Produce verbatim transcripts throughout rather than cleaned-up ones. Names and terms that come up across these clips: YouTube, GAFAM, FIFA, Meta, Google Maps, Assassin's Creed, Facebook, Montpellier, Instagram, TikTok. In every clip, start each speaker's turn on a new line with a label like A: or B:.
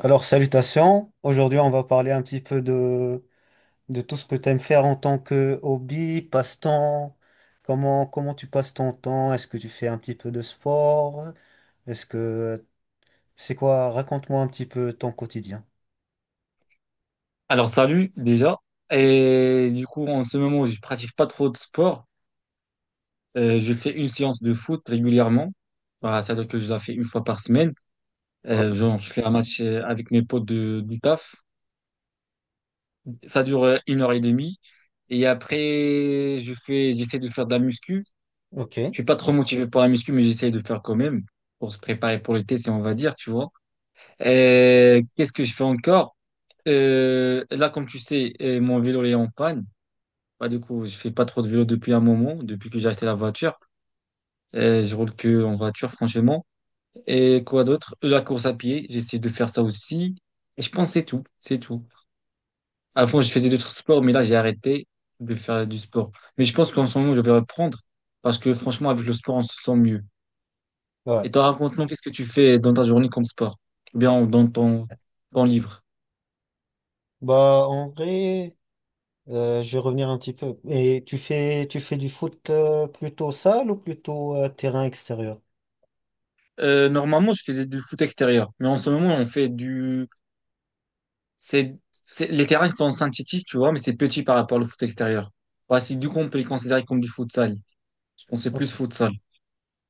A: Alors, salutations. Aujourd'hui, on va parler un petit peu de, de tout ce que tu aimes faire en tant que hobby, passe-temps. Comment, comment tu passes ton temps? Est-ce que tu fais un petit peu de sport? Est-ce que c'est quoi? Raconte-moi un petit peu ton quotidien.
B: Alors salut déjà. Et du coup, en ce moment, je pratique pas trop de sport. Euh, je fais une séance de foot régulièrement. Bah, c'est-à-dire que je la fais une fois par semaine.
A: Ah,
B: Euh, genre, je fais un match euh, avec mes potes de, du taf. Ça dure euh, une heure et demie. Et après, je fais, j'essaie de faire de la muscu.
A: ok,
B: Je suis pas trop motivé pour la muscu, mais j'essaie de faire quand même pour se préparer pour l'été, si on va dire, tu vois. Et qu'est-ce que je fais encore? Euh, là, comme tu sais, euh, mon vélo il est en panne. Bah, du coup, je fais pas trop de vélo depuis un moment, depuis que j'ai acheté la voiture. Euh, je roule que en voiture, franchement. Et quoi d'autre? La course à pied, j'essaie de faire ça aussi. Et je pense que c'est tout, c'est tout. Avant, je faisais d'autres sports, mais là, j'ai arrêté de faire du sport. Mais je pense qu'en ce moment, je vais reprendre parce que franchement, avec le sport, on se sent mieux.
A: ouais.
B: Et toi, raconte-nous, qu'est-ce que tu fais dans ta journée comme sport? Ou Bien, dans ton temps libre.
A: Bah, en vrai, euh, je vais revenir un petit peu. Et tu fais, tu fais du foot euh, plutôt salle ou plutôt euh, terrain extérieur?
B: Euh, normalement, je faisais du foot extérieur, mais en ce moment, on fait du C'est, c'est- les terrains ils sont synthétiques, tu vois, mais c'est petit par rapport au foot extérieur. Ouais, c'est du coup, on peut les considérer comme du futsal. Je pense que c'est plus
A: Ok,
B: futsal.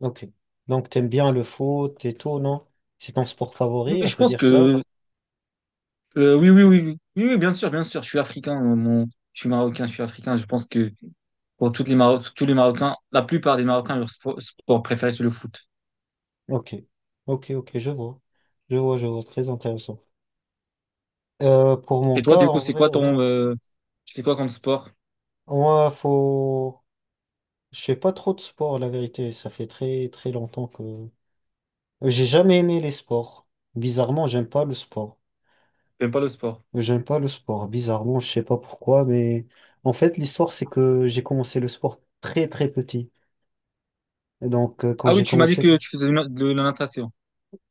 A: ok. Donc, t'aimes bien le foot et tout, non? C'est ton sport
B: Oui,
A: favori, on
B: je
A: peut
B: pense
A: dire ça?
B: que, euh, oui, oui, oui, oui, oui, oui, bien sûr, bien sûr. Je suis africain, euh, mon, je suis marocain, je suis africain. Je pense que pour toutes les Maro- tous les Marocains, la plupart des Marocains, leur sport, sport préféré, c'est le foot.
A: Ok, ok, ok, je vois. Je vois, je vois, très intéressant. Euh, pour mon
B: Et toi,
A: cas,
B: du coup,
A: en
B: c'est
A: vrai,
B: quoi
A: ouais,
B: ton, euh, tu fais quoi comme sport?
A: moi, faut... Je fais pas trop de sport, la vérité. Ça fait très, très longtemps que... J'ai jamais aimé les sports. Bizarrement, j'aime pas le sport.
B: T'aimes pas le sport?
A: J'aime pas le sport. Bizarrement, je sais pas pourquoi, mais... En fait, l'histoire, c'est que j'ai commencé le sport très, très petit. Et donc, euh, quand
B: Ah
A: j'ai
B: oui, tu m'as dit
A: commencé...
B: que tu faisais de la de la natation.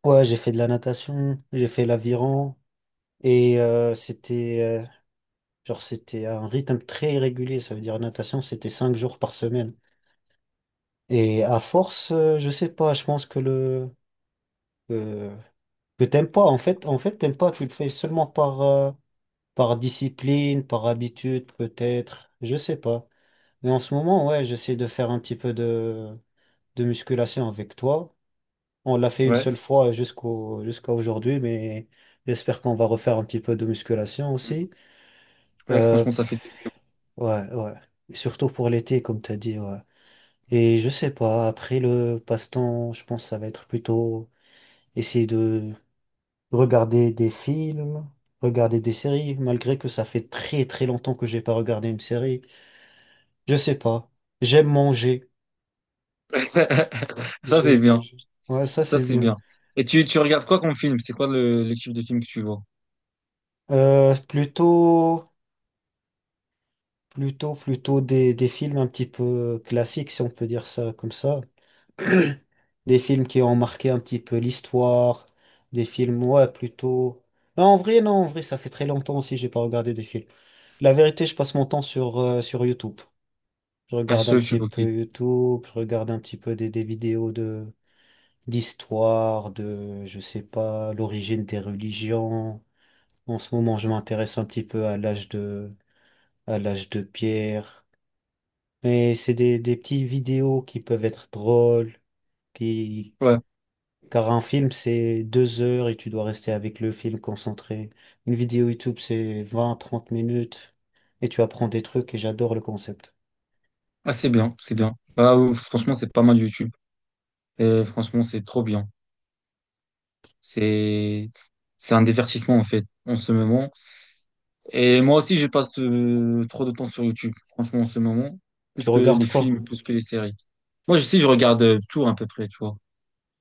A: Ouais, j'ai fait de la natation, j'ai fait l'aviron, et euh, c'était... euh, Genre, c'était un rythme très régulier. Ça veut dire natation, c'était cinq jours par semaine. Et à force, euh, je sais pas, je pense que le que, que t'aimes pas. En fait, en fait, t'aimes pas. Tu le fais seulement par euh, par discipline, par habitude, peut-être. Je sais pas. Mais en ce moment, ouais, j'essaie de faire un petit peu de de musculation avec toi. On l'a fait une
B: Ouais.
A: seule fois jusqu'au jusqu'à aujourd'hui, mais j'espère qu'on va refaire un petit peu de musculation aussi.
B: Ouais,
A: Euh,
B: franchement, ça fait du bien.
A: ouais, ouais. Et surtout pour l'été, comme t'as dit, ouais. Et je sais pas, après le passe-temps, je pense que ça va être plutôt essayer de regarder des films, regarder des séries, malgré que ça fait très très longtemps que j'ai pas regardé une série. Je sais pas. J'aime manger.
B: Ça, c'est
A: J'aime
B: bien.
A: manger. Ouais, ça
B: Ça,
A: c'est
B: c'est
A: bien.
B: bien. Et tu, tu regardes quoi comme film? C'est quoi le, le type de film que tu vois?
A: Euh, plutôt, plutôt, plutôt des, des films un petit peu classiques, si on peut dire ça comme ça. Des films qui ont marqué un petit peu l'histoire. Des films, ouais, plutôt. Non, en vrai, non, en vrai, ça fait très longtemps aussi que j'ai pas regardé des films. La vérité, je passe mon temps sur, euh, sur YouTube. Je
B: Ah,
A: regarde un
B: sur
A: petit
B: YouTube, ok.
A: peu YouTube, je regarde un petit peu des, des vidéos de d'histoire, de, je sais pas, l'origine des religions. En ce moment, je m'intéresse un petit peu à l'âge de, à l'âge de Pierre. Mais c'est des, des petites vidéos qui peuvent être drôles, qui,
B: Ouais.
A: car un film, c'est deux heures et tu dois rester avec le film concentré. Une vidéo YouTube, c'est vingt trente minutes et tu apprends des trucs et j'adore le concept.
B: Ah, c'est bien, c'est bien. Bah, ou- franchement, c'est pas mal YouTube. Et franchement, c'est trop bien. C'est, c'est un divertissement, en fait, en ce moment. Et moi aussi, je passe euh, trop de temps sur YouTube, franchement, en ce moment.
A: Tu
B: Plus que les
A: regardes quoi?
B: films, plus que les séries. Moi, je sais, je regarde euh, tout à peu près, tu vois.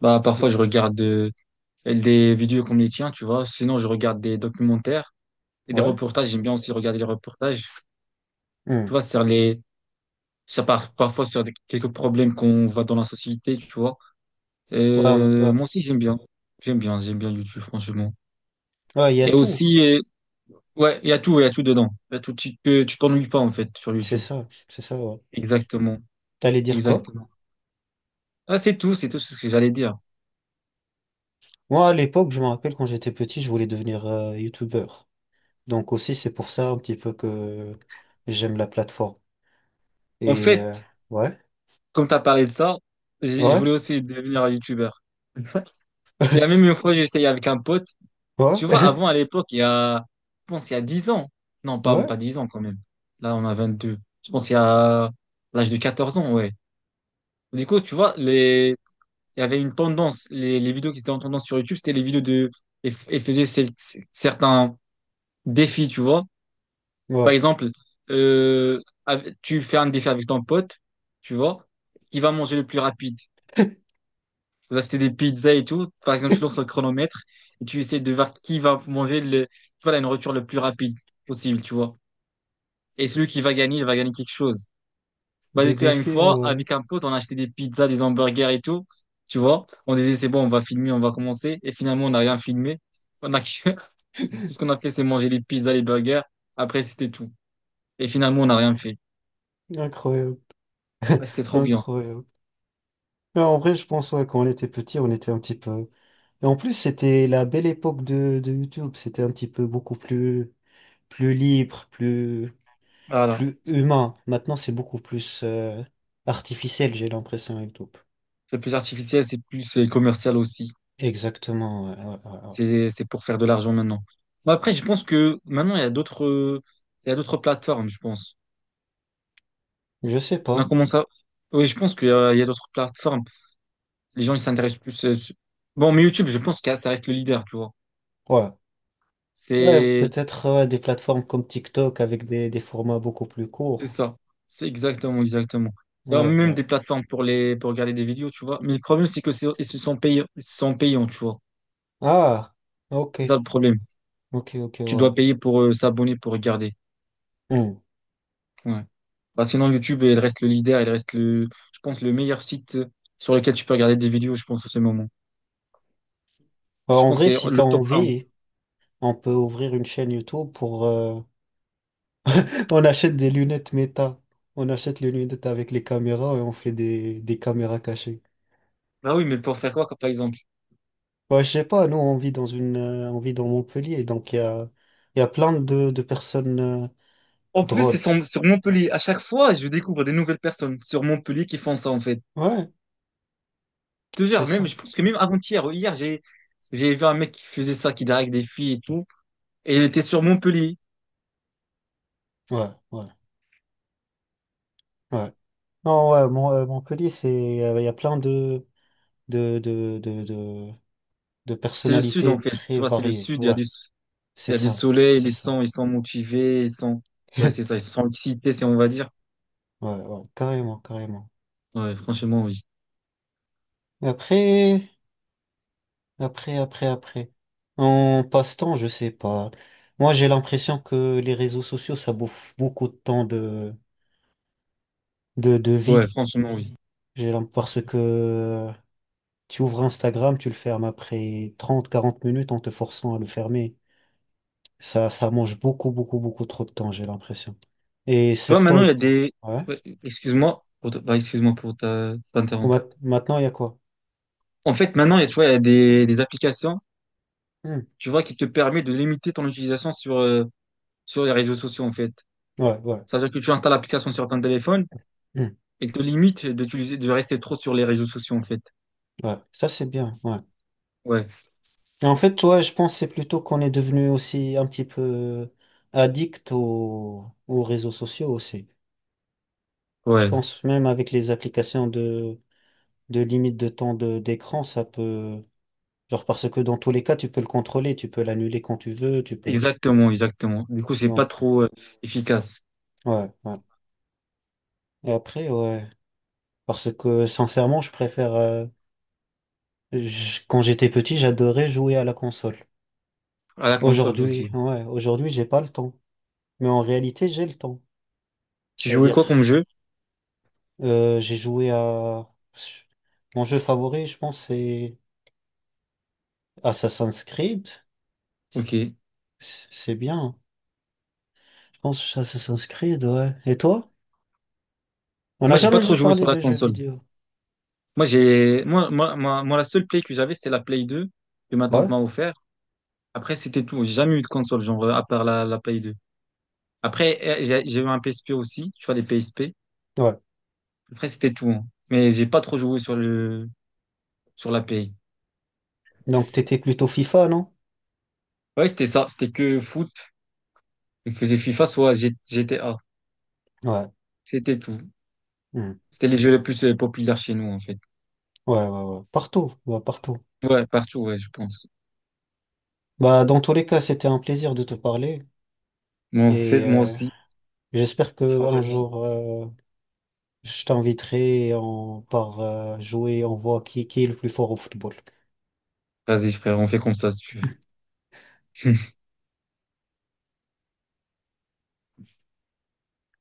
B: Bah,
A: Mm.
B: parfois, je regarde euh, des vidéos comme les tiens, tu vois. Sinon, je regarde des documentaires et des
A: Ouais.
B: reportages. J'aime bien aussi regarder les reportages. Tu
A: Mm.
B: vois, sur les, ça par parfois sur des- quelques problèmes qu'on voit dans la société, tu vois.
A: Ouais, ouais.
B: Euh, moi aussi, j'aime bien. J'aime bien, j'aime bien YouTube, franchement.
A: Ouais, il y a
B: Et
A: tout.
B: aussi, euh, ouais, il y a tout, il y a tout dedans. Il y a tout, tu te- tu t'ennuies pas, en fait, sur
A: C'est
B: YouTube.
A: ça, c'est ça, ouais.
B: Exactement,
A: T'allais dire quoi?
B: exactement. Ah, c'est tout, c'est tout ce que j'allais dire.
A: Moi, à l'époque, je me rappelle quand j'étais petit, je voulais devenir euh, youtubeur. Donc aussi, c'est pour ça un petit peu que j'aime la plateforme.
B: En
A: Et euh,
B: fait,
A: ouais,
B: comme tu as parlé de ça, j'ai- je
A: ouais,
B: voulais aussi devenir un YouTuber. Il y a même une fois, j'ai essayé avec un pote.
A: ouais,
B: Tu vois, avant, à l'époque, il y a, je pense, il y a dix ans. Non, pas, pas
A: ouais,
B: dix ans quand même. Là, on a vingt deux. Je pense, il y a l'âge de quatorze ans, ouais. Du coup, tu vois, les, il y avait une tendance. Les, les vidéos qui étaient en tendance sur YouTube, c'était les vidéos de, et, f- et faisaient cel- certains défis, tu vois. Par
A: ouais.
B: exemple, euh, ave- tu fais un défi avec ton pote, tu vois, qui va manger le plus rapide. Vous achetez des pizzas et tout. Par exemple, tu lances le chronomètre et tu essaies de voir qui va manger le, tu vois, la nourriture le plus rapide possible, tu vois. Et celui qui va gagner, il va gagner quelque chose. Bah,
A: Des
B: du coup, là, une
A: défis,
B: fois,
A: ouais.
B: avec un pote, on a acheté des pizzas, des hamburgers et tout. Tu vois, on disait, c'est bon, on va filmer, on va commencer. Et finalement, on n'a rien filmé. On a que- Tout ce qu'on a fait, c'est manger les pizzas, les burgers. Après, c'était tout. Et finalement, on n'a rien fait.
A: Incroyable,
B: Bah, C'était trop bien.
A: incroyable. Mais en vrai, je pense, ouais, quand on était petit, on était un petit peu. Et en plus, c'était la belle époque de, de YouTube. C'était un petit peu beaucoup plus, plus libre, plus.
B: Voilà.
A: Plus humain. Maintenant, c'est beaucoup plus euh, artificiel, j'ai l'impression et tout.
B: C'est plus artificiel, c'est plus euh, commercial aussi.
A: Exactement. Ouais, ouais, ouais, ouais.
B: C'est, c'est pour faire de l'argent maintenant. Mais après, je pense que maintenant, il y a d'autres, euh, il y a d'autres plateformes, je pense.
A: Je sais
B: On a
A: pas.
B: commencé à. Oui, je pense qu'il y a, il y a d'autres plateformes. Les gens, ils s'intéressent plus. euh, su- Bon, mais YouTube, je pense que ça reste le leader, tu vois.
A: Ouais. Ouais,
B: C'est,
A: peut-être ouais, des plateformes comme TikTok avec des, des formats beaucoup plus
B: c'est
A: courts.
B: ça. C'est exactement, exactement. Il y a
A: Ouais,
B: même
A: ouais.
B: des plateformes pour les, pour regarder des vidéos, tu vois. Mais le problème, c'est que c'est, ils se sont payants ils se sont payants, tu vois.
A: Ah, ok.
B: C'est ça le problème.
A: Ok, ok,
B: Tu
A: ouais.
B: dois payer pour euh, s'abonner, pour regarder.
A: Hmm.
B: Ouais. Bah, sinon, YouTube, il reste le leader, il reste le, je pense, le meilleur site sur lequel tu peux regarder des vidéos, je pense, en ce moment.
A: Alors,
B: Je
A: en
B: pense que
A: vrai,
B: c'est
A: si t'as
B: le top un.
A: envie, on peut ouvrir une chaîne YouTube pour... euh, on achète des lunettes méta. On achète les lunettes avec les caméras et on fait des, des caméras cachées.
B: Bah oui, mais pour faire quoi, comme par exemple?
A: Ouais, je sais pas, nous on vit dans une euh, on vit dans Montpellier, donc il y a, il y a plein de, de personnes euh,
B: En plus, c'est
A: drôles.
B: sur, sur Montpellier. À chaque fois, je découvre des nouvelles personnes sur Montpellier qui font ça, en fait.
A: Ouais, c'est
B: Toujours, même,
A: ça.
B: je pense que même avant-hier, ou hier, j'ai, j'ai vu un mec qui faisait ça, qui drague des filles et tout. Et il était sur Montpellier.
A: Ouais, ouais, ouais. Non, ouais, Mon- euh, Montpellier, c'est euh, il y a plein de de, de, de, de, de
B: C'est le sud, en
A: personnalités
B: fait.
A: très
B: Tu vois, c'est le
A: variées.
B: sud, il y a
A: Ouais,
B: du, il
A: c'est
B: y a du
A: ça,
B: soleil,
A: c'est
B: les
A: ça.
B: sons, ils sont motivés, ils sont, ouais, c'est ça, ils sont excités, c'est, on va dire.
A: Ouais, ouais, carrément, carrément.
B: Ouais, franchement, oui.
A: Et Après, après, après, après. En passe-temps, je sais pas. Moi, j'ai l'impression que les réseaux sociaux, ça bouffe beaucoup de temps de, de, de
B: Ouais,
A: vie.
B: franchement, oui.
A: J'ai l'im- parce
B: Tu
A: que tu ouvres Instagram, tu le fermes après trente quarante minutes en te forçant à le fermer. Ça, ça mange beaucoup, beaucoup, beaucoup trop de temps, j'ai l'impression. Et
B: vois,
A: cet temps,
B: maintenant, il
A: il
B: y a
A: pourra.
B: des.
A: Ouais.
B: Ouais, excuse-moi pour te- bah, excuse-moi pour ta-
A: Ou
B: t'interrompre.
A: mat- maintenant, il y a quoi?
B: En fait, maintenant, il y a- tu vois, il y a des, des applications,
A: Hmm.
B: tu vois, qui te permettent de limiter ton utilisation sur, euh, sur les réseaux sociaux, en fait.
A: Ouais, ouais.
B: C'est-à-dire que tu installes l'application sur ton téléphone
A: Hmm.
B: et elle te limite d'utiliser, de rester trop sur les réseaux sociaux, en fait.
A: Ouais. Ça, c'est bien. Ouais.
B: Ouais,
A: Et en fait, toi, je pense que c'est plutôt qu'on est devenu aussi un petit peu addict aux, aux réseaux sociaux aussi. Je
B: ouais,
A: pense même avec les applications de, de limite de temps de, d'écran, ça peut. Genre parce que dans tous les cas, tu peux le contrôler, tu peux l'annuler quand tu veux, tu peux.
B: exactement, exactement. Du coup, c'est pas
A: Donc,
B: trop, euh, efficace.
A: ouais, ouais. Et après, ouais. Parce que sincèrement, je préfère. Euh, je- quand j'étais petit, j'adorais jouer à la console.
B: À la console, ok.
A: Aujourd'hui, ouais, aujourd'hui, j'ai pas le temps. Mais en réalité, j'ai le temps.
B: Tu
A: C'est à
B: jouais
A: dire,
B: quoi comme jeu?
A: euh, j'ai joué à. Mon jeu favori, je pense, c'est Assassin's Creed.
B: Ok.
A: C'est c'est bien, hein. Je pense Assassin's Creed, ouais. Et toi? On n'a
B: Moi, j'ai
A: jamais
B: pas trop joué
A: parlé
B: sur la
A: de jeux
B: console.
A: vidéo.
B: Moi, j'ai, moi, moi, moi, moi, La seule Play que j'avais, c'était la Play deux que ma tante
A: Ouais.
B: m'a offert. Après, c'était tout. J'ai jamais eu de console, genre, à part la, la Play deux. Après, euh, j'ai j'ai eu un P S P aussi, tu vois, les P S P.
A: Ouais.
B: Après, c'était tout, hein. Mais j'ai pas trop joué sur le, sur la Play.
A: Donc, t'étais plutôt FIFA, non?
B: Ouais, c'était ça. C'était que foot. Je faisais FIFA, soit G- GTA.
A: Ouais.
B: C'était tout.
A: Hmm.
B: C'était les jeux les plus euh, populaires chez nous, en fait.
A: Ouais, ouais, ouais. Partout, ouais, partout.
B: Ouais, partout, ouais, je pense.
A: Bah, dans tous les cas, c'était un plaisir de te parler
B: moi en fait,
A: et
B: moi
A: euh,
B: aussi,
A: j'espère que
B: ça
A: un
B: va vie.
A: jour euh, je t'inviterai et on part euh, jouer, on voit qui, qui est le plus fort au football.
B: Vas-y, frère, on fait comme ça si tu veux.